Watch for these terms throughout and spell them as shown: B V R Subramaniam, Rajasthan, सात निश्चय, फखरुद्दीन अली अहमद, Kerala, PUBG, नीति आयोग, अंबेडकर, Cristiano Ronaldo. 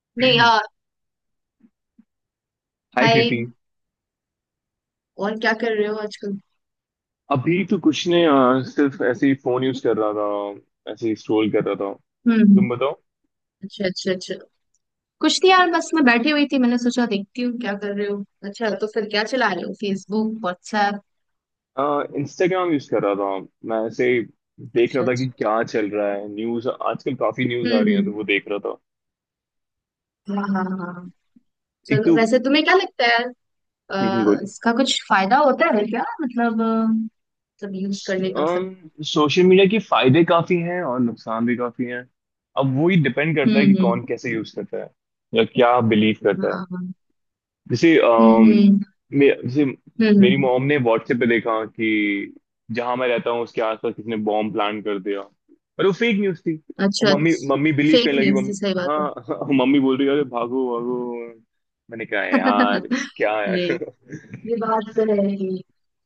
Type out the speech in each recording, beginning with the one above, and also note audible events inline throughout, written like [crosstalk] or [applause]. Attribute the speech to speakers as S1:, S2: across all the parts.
S1: [clears throat]
S2: नहीं
S1: हाय
S2: यार।
S1: कृति।
S2: हाय। और क्या कर रहे हो आजकल?
S1: अभी तो कुछ नहीं सिर्फ ऐसे ही फोन यूज कर रहा था, ऐसे ही स्क्रॉल कर रहा था।
S2: हम्म। हम्म।
S1: तुम
S2: अच्छा, अच्छा, अच्छा। कुछ नहीं यार, बस मैं बैठी हुई थी। मैंने सोचा देखती हूँ क्या कर रहे हो। अच्छा, तो फिर क्या चला रहे हो? Facebook, WhatsApp?
S1: बताओ। इंस्टाग्राम यूज कर रहा था, मैं ऐसे ही देख रहा
S2: अच्छा,
S1: था कि
S2: अच्छा।
S1: क्या चल रहा है। न्यूज आजकल काफी न्यूज आ रही है तो
S2: हम्म।
S1: वो देख रहा था।
S2: हम्म। हाँ, हाँ, हाँ।
S1: एक
S2: चलो,
S1: तो
S2: वैसे तुम्हें क्या लगता है यार?
S1: बोलो।
S2: इसका कुछ फायदा होता है क्या? मतलब मतलब यूज करने का मतलब।
S1: सोशल मीडिया के फायदे काफी हैं और नुकसान भी काफी हैं। अब वो ही डिपेंड करता
S2: हम्म।
S1: है कि
S2: हम्म।
S1: कौन कैसे यूज करता है या क्या बिलीव करता है।
S2: हाँ, हाँ।
S1: जैसे
S2: हम्म। हम्म।
S1: जैसे
S2: हम्म।
S1: मेरी
S2: हम्म।
S1: मॉम ने व्हाट्सएप पे देखा कि जहां मैं रहता हूँ उसके आसपास किसी ने बॉम्ब प्लान कर दिया, पर वो फेक न्यूज थी। और
S2: अच्छा।
S1: मम्मी मम्मी बिलीव
S2: फेक
S1: करने लगी।
S2: न्यूज थी,
S1: मम्मी,
S2: सही
S1: हाँ
S2: बात है।
S1: हाँ, मम्मी बोल रही है अरे भागो भागो। मैंने कहा यार
S2: [laughs]
S1: क्या है।
S2: नहीं। ये
S1: [laughs]
S2: बात तो है ही।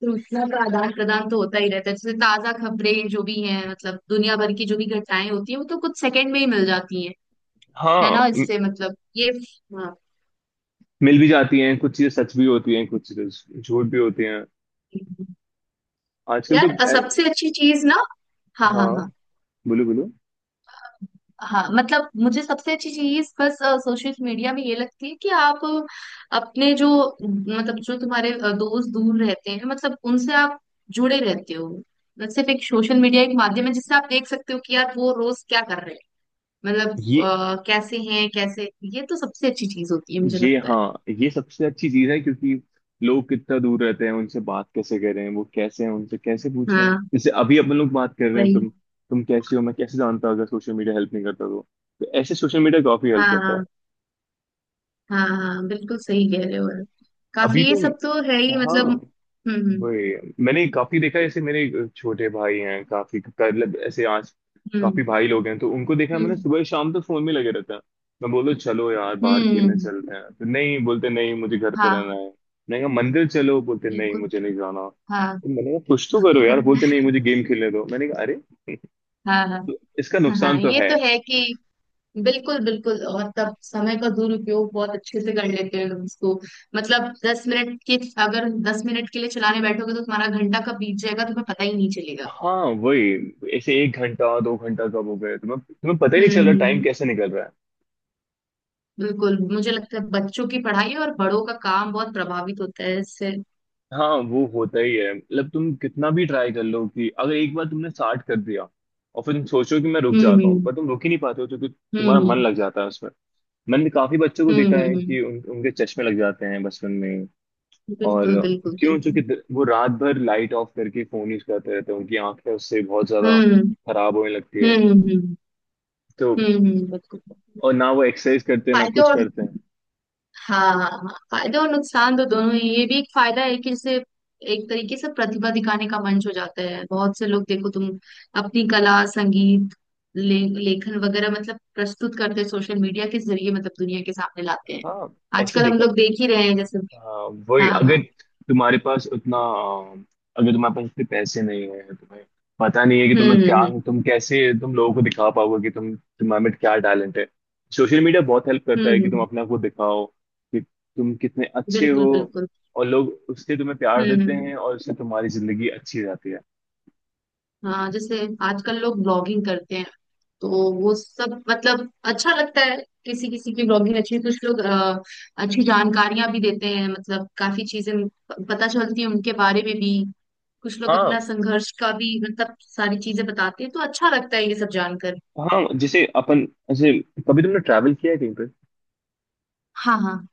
S2: सूचना का आदान प्रदान तो होता ही रहता है। जैसे ताजा खबरें जो भी हैं, मतलब दुनिया भर की जो भी घटनाएं होती हैं, वो तो कुछ सेकंड में ही मिल जाती हैं। है
S1: हाँ
S2: ना,
S1: म-
S2: इससे मतलब ये। हाँ।
S1: मिल भी जाती हैं, कुछ चीजें सच भी होती हैं, कुछ चीजें झूठ भी होती हैं आजकल तो।
S2: यार,
S1: ए-
S2: सबसे अच्छी चीज ना। हाँ, हाँ,
S1: हाँ,
S2: हाँ।
S1: बोलो बोलो।
S2: हाँ, मतलब मुझे सबसे अच्छी चीज बस सोशल मीडिया में ये लगती है कि आप अपने जो, मतलब जो तुम्हारे दोस्त दूर रहते हैं, मतलब उनसे आप जुड़े रहते हो। सिर्फ एक सोशल मीडिया एक माध्यम है जिससे आप देख सकते हो कि यार वो रोज क्या कर रहे हैं, मतलब
S1: ये
S2: कैसे हैं, कैसे। ये तो सबसे अच्छी चीज होती है, मुझे
S1: ये
S2: लगता है।
S1: हाँ, ये सबसे अच्छी चीज है क्योंकि लोग कितना दूर रहते हैं, उनसे बात कैसे करें, वो कैसे हैं उनसे कैसे पूछें।
S2: हाँ,
S1: जैसे अभी अपन लोग बात कर रहे हैं,
S2: वही।
S1: तुम कैसे हो मैं कैसे जानता अगर सोशल मीडिया हेल्प नहीं करता तो ऐसे सोशल मीडिया काफी
S2: हाँ,
S1: हेल्प करता है।
S2: हाँ, हाँ, हाँ, बिल्कुल सही कह रहे हो आप।
S1: अभी
S2: काफी ये
S1: तो
S2: सब तो है ही,
S1: हाँ
S2: मतलब। हम्म।
S1: वही। मैंने काफी देखा है, जैसे मेरे छोटे भाई हैं, काफी मतलब ऐसे आज काफी
S2: हम्म।
S1: भाई लोग हैं तो उनको देखा है मैंने,
S2: हम्म।
S1: सुबह शाम तक फोन में लगे रहते हैं। मैं बोलो चलो यार बाहर
S2: हम्म।
S1: खेलने
S2: हम्म।
S1: चलते हैं तो नहीं बोलते, नहीं मुझे घर पे रहना
S2: हाँ,
S1: है। मैंने कहा मंदिर चलो, बोलते नहीं
S2: बिल्कुल।
S1: मुझे नहीं जाना।
S2: हाँ।
S1: तो मैंने कहा कुछ तो करो यार, बोलते नहीं
S2: [laughs]
S1: मुझे गेम खेलने दो। मैंने कहा अरे।
S2: हाँ। हाँ,
S1: तो इसका नुकसान
S2: हाँ,
S1: तो
S2: ये
S1: है।
S2: तो है कि, बिल्कुल, बिल्कुल, और तब समय का दुरुपयोग बहुत अच्छे से कर लेते हैं लोग उसको। मतलब दस मिनट के अगर 10 मिनट के लिए चलाने बैठोगे तो तुम्हारा घंटा कब बीत जाएगा, तुम्हें पता ही नहीं चलेगा।
S1: हाँ वही, ऐसे एक घंटा दो घंटा कब हो गए तुम्हें तुम्हें पता ही नहीं
S2: हम्म।
S1: चल रहा टाइम
S2: हम्म।
S1: कैसे निकल रहा है।
S2: बिल्कुल, मुझे लगता है बच्चों की पढ़ाई और बड़ों का काम बहुत प्रभावित होता है इससे।
S1: हाँ वो होता ही है, मतलब तुम कितना भी ट्राई कर लो कि अगर एक बार तुमने स्टार्ट कर दिया और फिर तुम सोचो कि मैं रुक जाता हूँ
S2: हम्म।
S1: पर तुम रुक ही नहीं पाते हो क्योंकि तुम्हारा
S2: हम्म।
S1: मन लग जाता है उसमें। मैंने काफी बच्चों को
S2: हम्म।
S1: देखा
S2: हम्म।
S1: है
S2: हम्म।
S1: कि उनके चश्मे लग जाते हैं बचपन में। और
S2: बिल्कुल, बिल्कुल,
S1: क्यों,
S2: बिल्कुल।
S1: चूंकि वो रात भर लाइट ऑफ करके फोन यूज करते रहते हैं, उनकी आंखें उससे बहुत ज्यादा
S2: हम्म।
S1: खराब होने लगती है।
S2: हम्म। हम्म।
S1: तो
S2: हम्म। हम्म। बिल्कुल।
S1: और ना वो एक्सरसाइज करते हैं ना
S2: फायदे
S1: कुछ
S2: और
S1: करते हैं।
S2: हाँ, हाँ, हाँ, फायदे और नुकसान तो दोनों ही ये भी एक फायदा है कि जैसे एक तरीके से प्रतिभा दिखाने का मंच हो जाता है, बहुत से लोग, देखो तुम अपनी कला, संगीत, ले, लेखन वगैरह मतलब प्रस्तुत करते हैं सोशल मीडिया के जरिए, मतलब दुनिया के सामने लाते हैं।
S1: हाँ ऐसे
S2: आजकल हम
S1: देखा।
S2: लोग देख ही रहे हैं, जैसे।
S1: हाँ, वही
S2: हाँ,
S1: अगर
S2: हाँ।
S1: तुम्हारे पास उतना, अगर तुम्हारे पास उतने पैसे नहीं है, तुम्हें पता नहीं है कि
S2: हम्म।
S1: तुम्हें
S2: हम्म।
S1: क्या,
S2: हम्म।
S1: तुम कैसे तुम लोगों को दिखा पाओगे कि तुम तुम्हारे में क्या टैलेंट है। सोशल मीडिया बहुत हेल्प करता
S2: हम्म।
S1: है कि तुम
S2: हम्म।
S1: अपने आप को दिखाओ कि तुम कितने अच्छे
S2: बिल्कुल,
S1: हो।
S2: बिल्कुल।
S1: और लोग उससे तुम्हें प्यार
S2: हम्म।
S1: देते
S2: हम्म।
S1: हैं और उससे तुम्हारी जिंदगी अच्छी जाती है।
S2: हाँ, जैसे आजकल लोग ब्लॉगिंग करते हैं, तो वो सब मतलब अच्छा लगता है। किसी किसी की ब्लॉगिंग अच्छी, कुछ लोग अच्छी जानकारियां भी देते हैं, मतलब काफी चीजें पता चलती हैं उनके बारे में भी। कुछ लोग
S1: हाँ,
S2: अपना संघर्ष का भी मतलब सारी चीजें बताते हैं, तो अच्छा लगता है ये सब जानकर।
S1: हाँ जैसे अपन, जैसे कभी तुमने ट्रैवल किया है कहीं।
S2: हाँ, हाँ।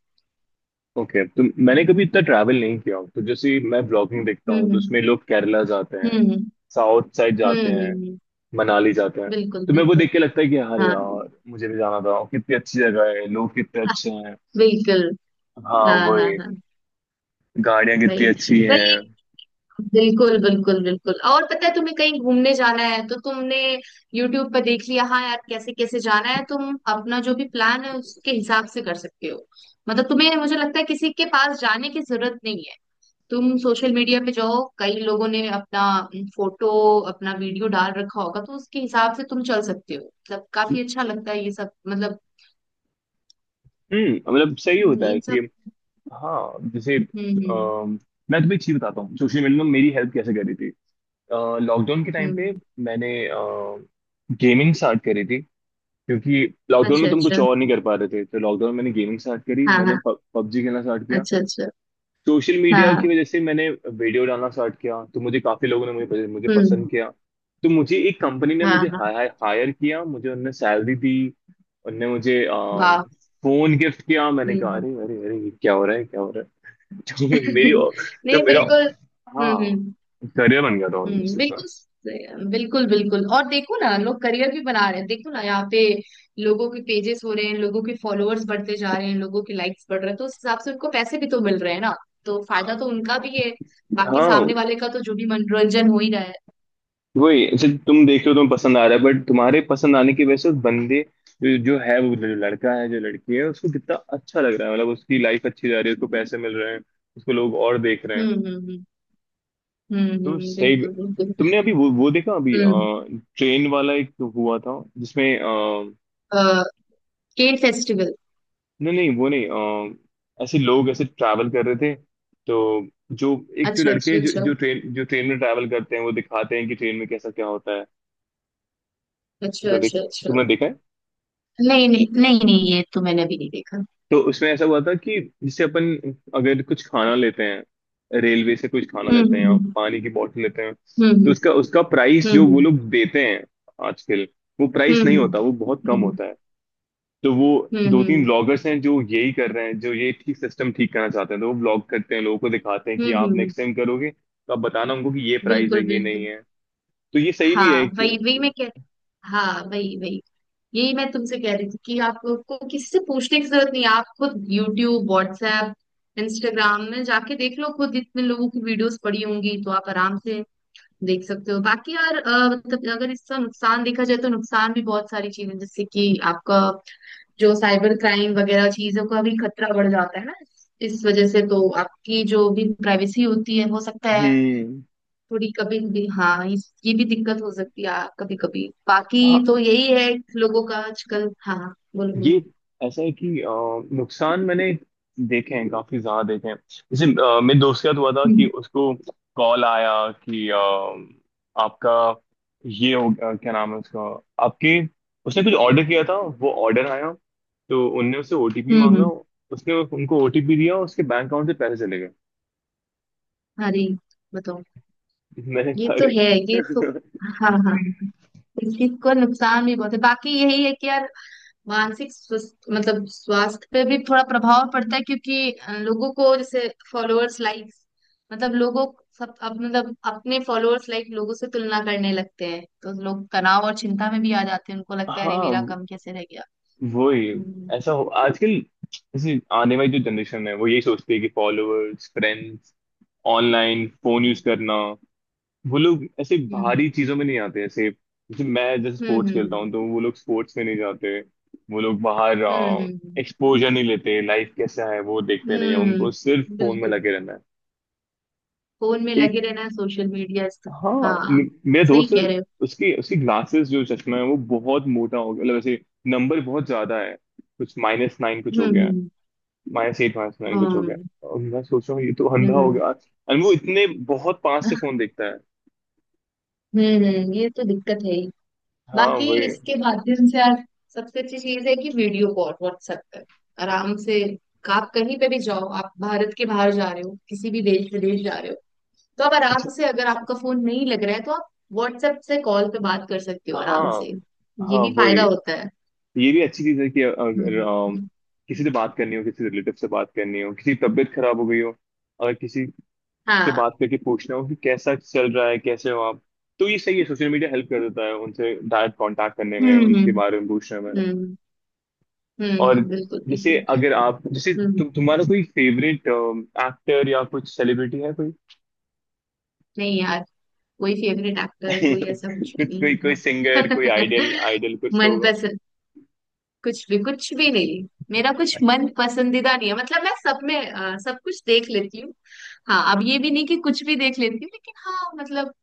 S1: ओके, तो मैंने कभी इतना ट्रैवल नहीं किया तो जैसे मैं ब्लॉगिंग देखता हूँ तो
S2: हम्म।
S1: उसमें लोग केरला जाते हैं,
S2: हम्म। हम्म।
S1: साउथ साइड
S2: हम्म।
S1: जाते
S2: हम्म।
S1: हैं,
S2: हम्म।
S1: मनाली जाते हैं।
S2: बिल्कुल,
S1: तो मैं वो
S2: बिल्कुल।
S1: देख के लगता है कि अरे
S2: हाँ।
S1: यार मुझे भी जाना था, कितनी अच्छी जगह है, लोग कितने अच्छे हैं।
S2: बिल्कुल।
S1: हाँ
S2: हाँ,
S1: वो
S2: हाँ, हाँ,
S1: गाड़ियाँ कितनी
S2: वही,
S1: अच्छी हैं।
S2: वही। बिल्कुल, बिल्कुल, बिल्कुल। और पता है, तुम्हें कहीं घूमने जाना है तो तुमने YouTube पर देख लिया। हाँ यार, कैसे कैसे जाना है, तुम अपना जो भी प्लान है उसके हिसाब से कर सकते हो। मतलब तुम्हें, मुझे लगता है, किसी के पास जाने की जरूरत नहीं है। तुम सोशल मीडिया पे जाओ, कई लोगों ने अपना फोटो, अपना वीडियो डाल रखा होगा तो उसके हिसाब से तुम चल सकते हो, मतलब काफी अच्छा लगता है ये सब, मतलब।
S1: मतलब सही
S2: हम्म।
S1: होता है
S2: इन
S1: कि
S2: सब।
S1: हाँ जैसे
S2: हम्म। हम्म।
S1: अम, मैं तुम्हें एक चीज बताता हूँ, सोशल मीडिया ने मेरी हेल्प कैसे करी थी। लॉकडाउन के टाइम पे
S2: हम्म।
S1: मैंने गेमिंग स्टार्ट करी थी, क्योंकि लॉकडाउन
S2: अच्छा,
S1: में तुम
S2: अच्छा।
S1: कुछ और नहीं कर पा रहे थे तो लॉकडाउन में मैंने गेमिंग स्टार्ट करी,
S2: हाँ,
S1: मैंने
S2: हाँ।
S1: पबजी खेलना स्टार्ट किया।
S2: अच्छा, अच्छा।
S1: सोशल मीडिया की
S2: हाँ।
S1: वजह से मैंने वीडियो डालना स्टार्ट किया तो मुझे काफी लोगों ने मुझे मुझे
S2: हम्म।
S1: पसंद किया। तो मुझे एक कंपनी ने
S2: हाँ,
S1: मुझे
S2: हाँ।
S1: हायर किया, मुझे उनने सैलरी दी, उनने मुझे
S2: वाह।
S1: फोन गिफ्ट किया। मैंने
S2: हम्म।
S1: कहा
S2: हम्म।
S1: अरे अरे अरे ये क्या हो रहा है क्या हो रहा है। [laughs] तो मेरी,
S2: [laughs] नहीं,
S1: तो मेरा
S2: बिल्कुल। हम्म।
S1: हाँ
S2: हम्म।
S1: करियर बन गया था ऑलमोस्ट
S2: हम्म।
S1: इस बार।
S2: बिल्कुल बिल्कुल, बिल्कुल, और देखो ना लोग करियर भी बना रहे हैं, देखो ना यहाँ पे लोगों के पेजेस हो रहे हैं, लोगों के फॉलोअर्स बढ़ते जा रहे हैं, लोगों के लाइक्स बढ़ रहे हैं, तो उस हिसाब से उनको पैसे भी तो मिल रहे हैं ना। तो फायदा तो उनका भी है। बाकी
S1: हाँ
S2: सामने वाले का तो जो भी मनोरंजन हो ही रहा है।
S1: वही, ऐसे तुम देख रहे हो, तुम्हें पसंद आ रहा है बट तुम्हारे पसंद आने की वजह से उस बंदे जो है वो, जो लड़का है जो लड़की है उसको कितना अच्छा लग रहा है, मतलब उसकी लाइफ अच्छी जा रही है, उसको पैसे मिल रहे हैं, उसको लोग और देख रहे हैं।
S2: हम्म। हम्म। हम्म। हम्म।
S1: तो
S2: हम्म।
S1: सही भी-
S2: बिल्कुल, बिल्कुल।
S1: तुमने अभी वो देखा अभी,
S2: हम्म।
S1: ट्रेन वाला एक हुआ था जिसमें
S2: अ, केन फेस्टिवल।
S1: नहीं नहीं वो नहीं। ऐसे लोग ऐसे ट्रैवल कर रहे थे तो जो एक, जो
S2: अच्छा, अच्छा,
S1: लड़के जो
S2: अच्छा।
S1: जो ट्रेन, जो ट्रेन में ट्रैवल करते हैं वो दिखाते हैं कि ट्रेन में कैसा क्या होता है।
S2: अच्छा,
S1: तुमने देखा,
S2: अच्छा, अच्छा।
S1: तुमने देखा है।
S2: नहीं, नहीं, नहीं, नहीं, ये तो मैंने अभी नहीं देखा।
S1: तो उसमें ऐसा हुआ था कि जैसे अपन अगर कुछ खाना लेते हैं, रेलवे से कुछ खाना
S2: हम्म। हम्म।
S1: लेते हैं
S2: हम्म।
S1: या
S2: हम्म।
S1: पानी की बोतल लेते हैं तो
S2: हम्म।
S1: उसका उसका प्राइस जो वो
S2: हम्म।
S1: लोग देते हैं आजकल, वो प्राइस नहीं
S2: हम्म।
S1: होता, वो बहुत कम
S2: हम्म।
S1: होता है। तो वो
S2: हम्म। हम्म।
S1: दो
S2: हम्म।
S1: तीन
S2: हम्म।
S1: ब्लॉगर्स हैं जो यही कर रहे हैं, जो ये ठीक सिस्टम ठीक करना चाहते हैं तो वो ब्लॉग करते हैं, लोगों को दिखाते हैं कि
S2: हम्म।
S1: आप नेक्स्ट टाइम करोगे तो आप बताना उनको कि ये प्राइस है
S2: बिल्कुल,
S1: ये नहीं
S2: बिल्कुल।
S1: है। तो ये सही भी है
S2: हाँ, वही, वही
S1: कि-
S2: मैं कह हाँ, वही, वही। यही मैं तुमसे कह रही थी कि आपको किसी से पूछने की जरूरत नहीं है। आप खुद यूट्यूब, व्हाट्सएप, इंस्टाग्राम में जाके देख लो, खुद इतने लोगों की वीडियोस पड़ी होंगी, तो आप आराम से देख सकते हो। बाकी यार मतलब अगर इसका नुकसान देखा जाए तो नुकसान भी बहुत सारी चीजें, जैसे कि आपका जो साइबर क्राइम वगैरह चीजों का भी खतरा बढ़ जाता है ना। इस वजह से तो आपकी जो भी प्राइवेसी होती है, हो सकता है
S1: हम्म
S2: थोड़ी कभी भी, हाँ, ये भी दिक्कत हो सकती है कभी कभी। बाकी
S1: हाँ,
S2: तो यही है लोगों का आजकल। हाँ, हाँ, बोलो,
S1: ये
S2: बोलो।
S1: ऐसा है कि नुकसान मैंने देखे हैं, काफी ज्यादा देखे हैं। जैसे मेरे दोस्त के साथ हुआ था कि
S2: हम्म।
S1: उसको कॉल आया कि आपका ये हो क्या नाम है उसका, आपके, उसने कुछ ऑर्डर किया था वो ऑर्डर आया तो उनने उससे ओटीपी
S2: हम्म।
S1: मांगा।
S2: हम्म।
S1: उसने उनको ओटीपी दिया और उसके बैंक अकाउंट से पैसे चले गए।
S2: अरे, बताओ।
S1: [laughs] मैंने
S2: ये
S1: कहा
S2: तो
S1: अरे।
S2: है, ये तो, हाँ, हाँ, इस चीज का नुकसान भी बहुत है। बाकी यही है कि यार मानसिक स्वस्थ मतलब स्वास्थ्य पे भी थोड़ा प्रभाव पड़ता है, क्योंकि लोगों को जैसे फॉलोअर्स, लाइक्स, मतलब लोगों, सब, अब मतलब अपने फॉलोअर्स, लाइक, लोगों से तुलना करने लगते हैं, तो लोग तनाव और चिंता में भी आ जाते हैं, उनको
S1: [laughs]
S2: लगता है अरे मेरा
S1: हाँ
S2: कम कैसे रह गया।
S1: वही,
S2: हम्म
S1: ऐसा हो आजकल। जैसे आने वाली जो जनरेशन है वो यही सोचती है कि followers, friends, online phone use
S2: हम्म।
S1: करना। वो लोग ऐसे
S2: हम्म।
S1: बाहरी चीजों में नहीं आते, ऐसे जैसे मैं, जैसे स्पोर्ट्स खेलता
S2: हम्म।
S1: हूँ तो वो लोग स्पोर्ट्स में नहीं जाते। वो लोग बाहर
S2: हम्म। हम्म।
S1: एक्सपोजर नहीं लेते, लाइफ कैसा है वो देखते नहीं है,
S2: हम्म। हम्म।
S1: उनको सिर्फ फोन में
S2: बिल्कुल।
S1: लगे रहना है।
S2: फोन में लगे
S1: एक
S2: रहना है, सोशल मीडिया।
S1: हाँ
S2: हाँ।
S1: मेरा
S2: सही
S1: दोस्त है,
S2: कह रहे हो।
S1: उसकी उसकी ग्लासेस जो चश्मा है वो बहुत मोटा हो गया, मतलब ऐसे नंबर बहुत ज्यादा है, कुछ माइनस नाइन कुछ
S2: हम्म।
S1: हो गया है।
S2: हम्म।
S1: माया से एडवांस मैंने
S2: हाँ।
S1: कुछ हो गया।
S2: हम्म।
S1: और मैं सोच रहा हूँ ये तो अंधा हो
S2: हम्म।
S1: गया, और वो इतने बहुत पास से
S2: [laughs]
S1: फोन देखता है।
S2: ये तो दिक्कत है।
S1: हाँ
S2: बाकी
S1: वही।
S2: इसके माध्यम से यार सबसे अच्छी चीज है कि वीडियो कॉल व्हाट्सएप पर आराम से, आप कहीं पे भी जाओ, आप भारत के बाहर जा रहे हो, किसी भी देश विदेश जा रहे हो, तो आप
S1: अच्छा,
S2: आराम से, अगर आपका फोन नहीं लग रहा है तो आप व्हाट्सएप से कॉल पे बात कर सकते हो आराम
S1: हाँ
S2: से,
S1: हाँ
S2: ये भी
S1: वही,
S2: फायदा होता है।
S1: ये भी अच्छी चीज है कि अगर
S2: हम्म।
S1: किसी से बात करनी हो, किसी रिलेटिव से बात करनी हो, किसी की तबीयत खराब हो गई हो, अगर किसी से
S2: हाँ।
S1: बात करके पूछना हो कि कैसा चल रहा है कैसे हो आप, तो ये सही है सोशल मीडिया हेल्प कर देता है उनसे डायरेक्ट कांटेक्ट करने में,
S2: हम्म।
S1: उनके
S2: हम्म।
S1: बारे में पूछने में।
S2: हम्म।
S1: और
S2: हम्म। बिल्कुल,
S1: जैसे
S2: बिल्कुल।
S1: अगर आप जैसे
S2: हम्म।
S1: तुम्हारा कोई फेवरेट एक्टर या कुछ सेलिब्रिटी है कोई।
S2: नहीं यार, कोई फेवरेट
S1: [laughs]
S2: एक्टर, कोई ऐसा कुछ भी
S1: कुछ कोई, कोई
S2: नहीं
S1: सिंगर, कोई
S2: है।
S1: आइडल
S2: [laughs]
S1: आइडल कुछ तो होगा।
S2: मनपसंद कुछ भी, कुछ भी नहीं। मेरा कुछ मन पसंदीदा नहीं है, मतलब मैं सब में सब कुछ देख लेती हूँ। हाँ, अब ये भी नहीं कि कुछ भी देख लेती हूँ, लेकिन हाँ, मतलब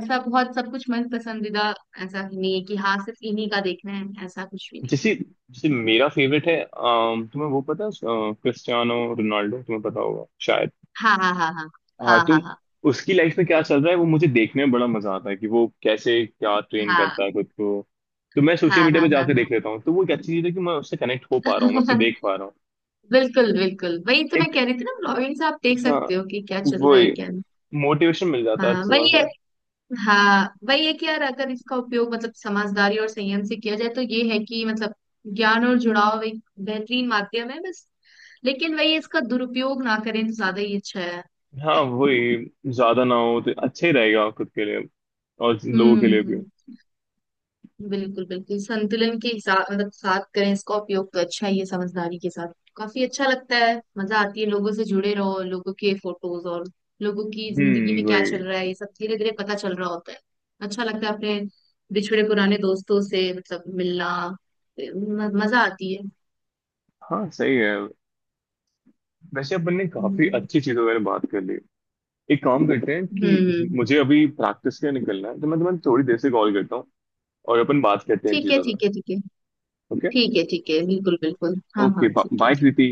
S2: ऐसा बहुत सब कुछ मन पसंदीदा। ऐसा ही नहीं है कि हाँ सिर्फ इन्हीं का देखना है, ऐसा कुछ भी नहीं है।
S1: जैसे जैसे मेरा फेवरेट है तुम्हें वो पता है, क्रिस्टियानो रोनाल्डो तुम्हें पता होगा शायद।
S2: हाँ, हाँ, हाँ, हाँ,
S1: हाँ
S2: हाँ,
S1: तुम,
S2: हाँ, हाँ।
S1: उसकी लाइफ में
S2: ब-
S1: क्या चल रहा है वो मुझे देखने में बड़ा मजा आता है कि वो कैसे क्या ट्रेन
S2: हाँ,
S1: करता है खुद को। तो मैं
S2: हाँ,
S1: सोशल मीडिया पे
S2: हाँ, हाँ,
S1: जाके
S2: हाँ।
S1: देख लेता हूँ, तो वो एक अच्छी चीज है कि मैं उससे कनेक्ट हो पा रहा हूँ, मैं उससे
S2: [laughs]
S1: देख पा रहा
S2: बिल्कुल, बिल्कुल, वही तो मैं
S1: हूँ।
S2: कह रही थी ना, ब्लॉगिंग से आप देख
S1: हाँ
S2: सकते हो कि क्या चल रहा है,
S1: वही,
S2: क्या नहीं।
S1: मोटिवेशन मिल जाता है
S2: हाँ,
S1: अच्छा
S2: वही है।
S1: खासा।
S2: हाँ, वही है कि यार अगर इसका उपयोग मतलब समझदारी और संयम से किया जाए तो ये है कि, मतलब ज्ञान और जुड़ाव एक बेहतरीन माध्यम है, बस। लेकिन वही इसका दुरुपयोग ना करें तो ज्यादा ही अच्छा है।
S1: हाँ वही, ज्यादा ना हो तो अच्छा ही रहेगा खुद के लिए और लोगों के लिए भी।
S2: हम्म। बिल्कुल, बिल्कुल, संतुलन के हिसाब मतलब साथ करें इसका उपयोग तो अच्छा ही है, समझदारी के साथ काफी अच्छा लगता है, मजा आती है, लोगों से जुड़े रहो, लोगों के फोटोज और लोगों की जिंदगी में क्या
S1: वही।
S2: चल रहा है, ये सब धीरे धीरे पता चल रहा होता है। अच्छा लगता है अपने बिछड़े पुराने दोस्तों से मतलब मिलना, मजा आती है।
S1: हाँ सही है, वैसे अपन ने काफी
S2: हम्म।
S1: अच्छी चीजों पर बात कर ली। एक काम करते हैं
S2: हम्म। हम्म।
S1: कि
S2: हम्म।
S1: मुझे अभी प्रैक्टिस के लिए निकलना है तो मैं तुम्हें थोड़ी देर से कॉल करता हूँ और अपन बात करते हैं इन
S2: ठीक है,
S1: चीजों पर।
S2: ठीक है, ठीक है।
S1: ओके।
S2: ठीक है, ठीक है, बिल्कुल, बिल्कुल, हाँ,
S1: ओके,
S2: हाँ, ठीक है,
S1: बाय
S2: ठीक है।
S1: प्रीति।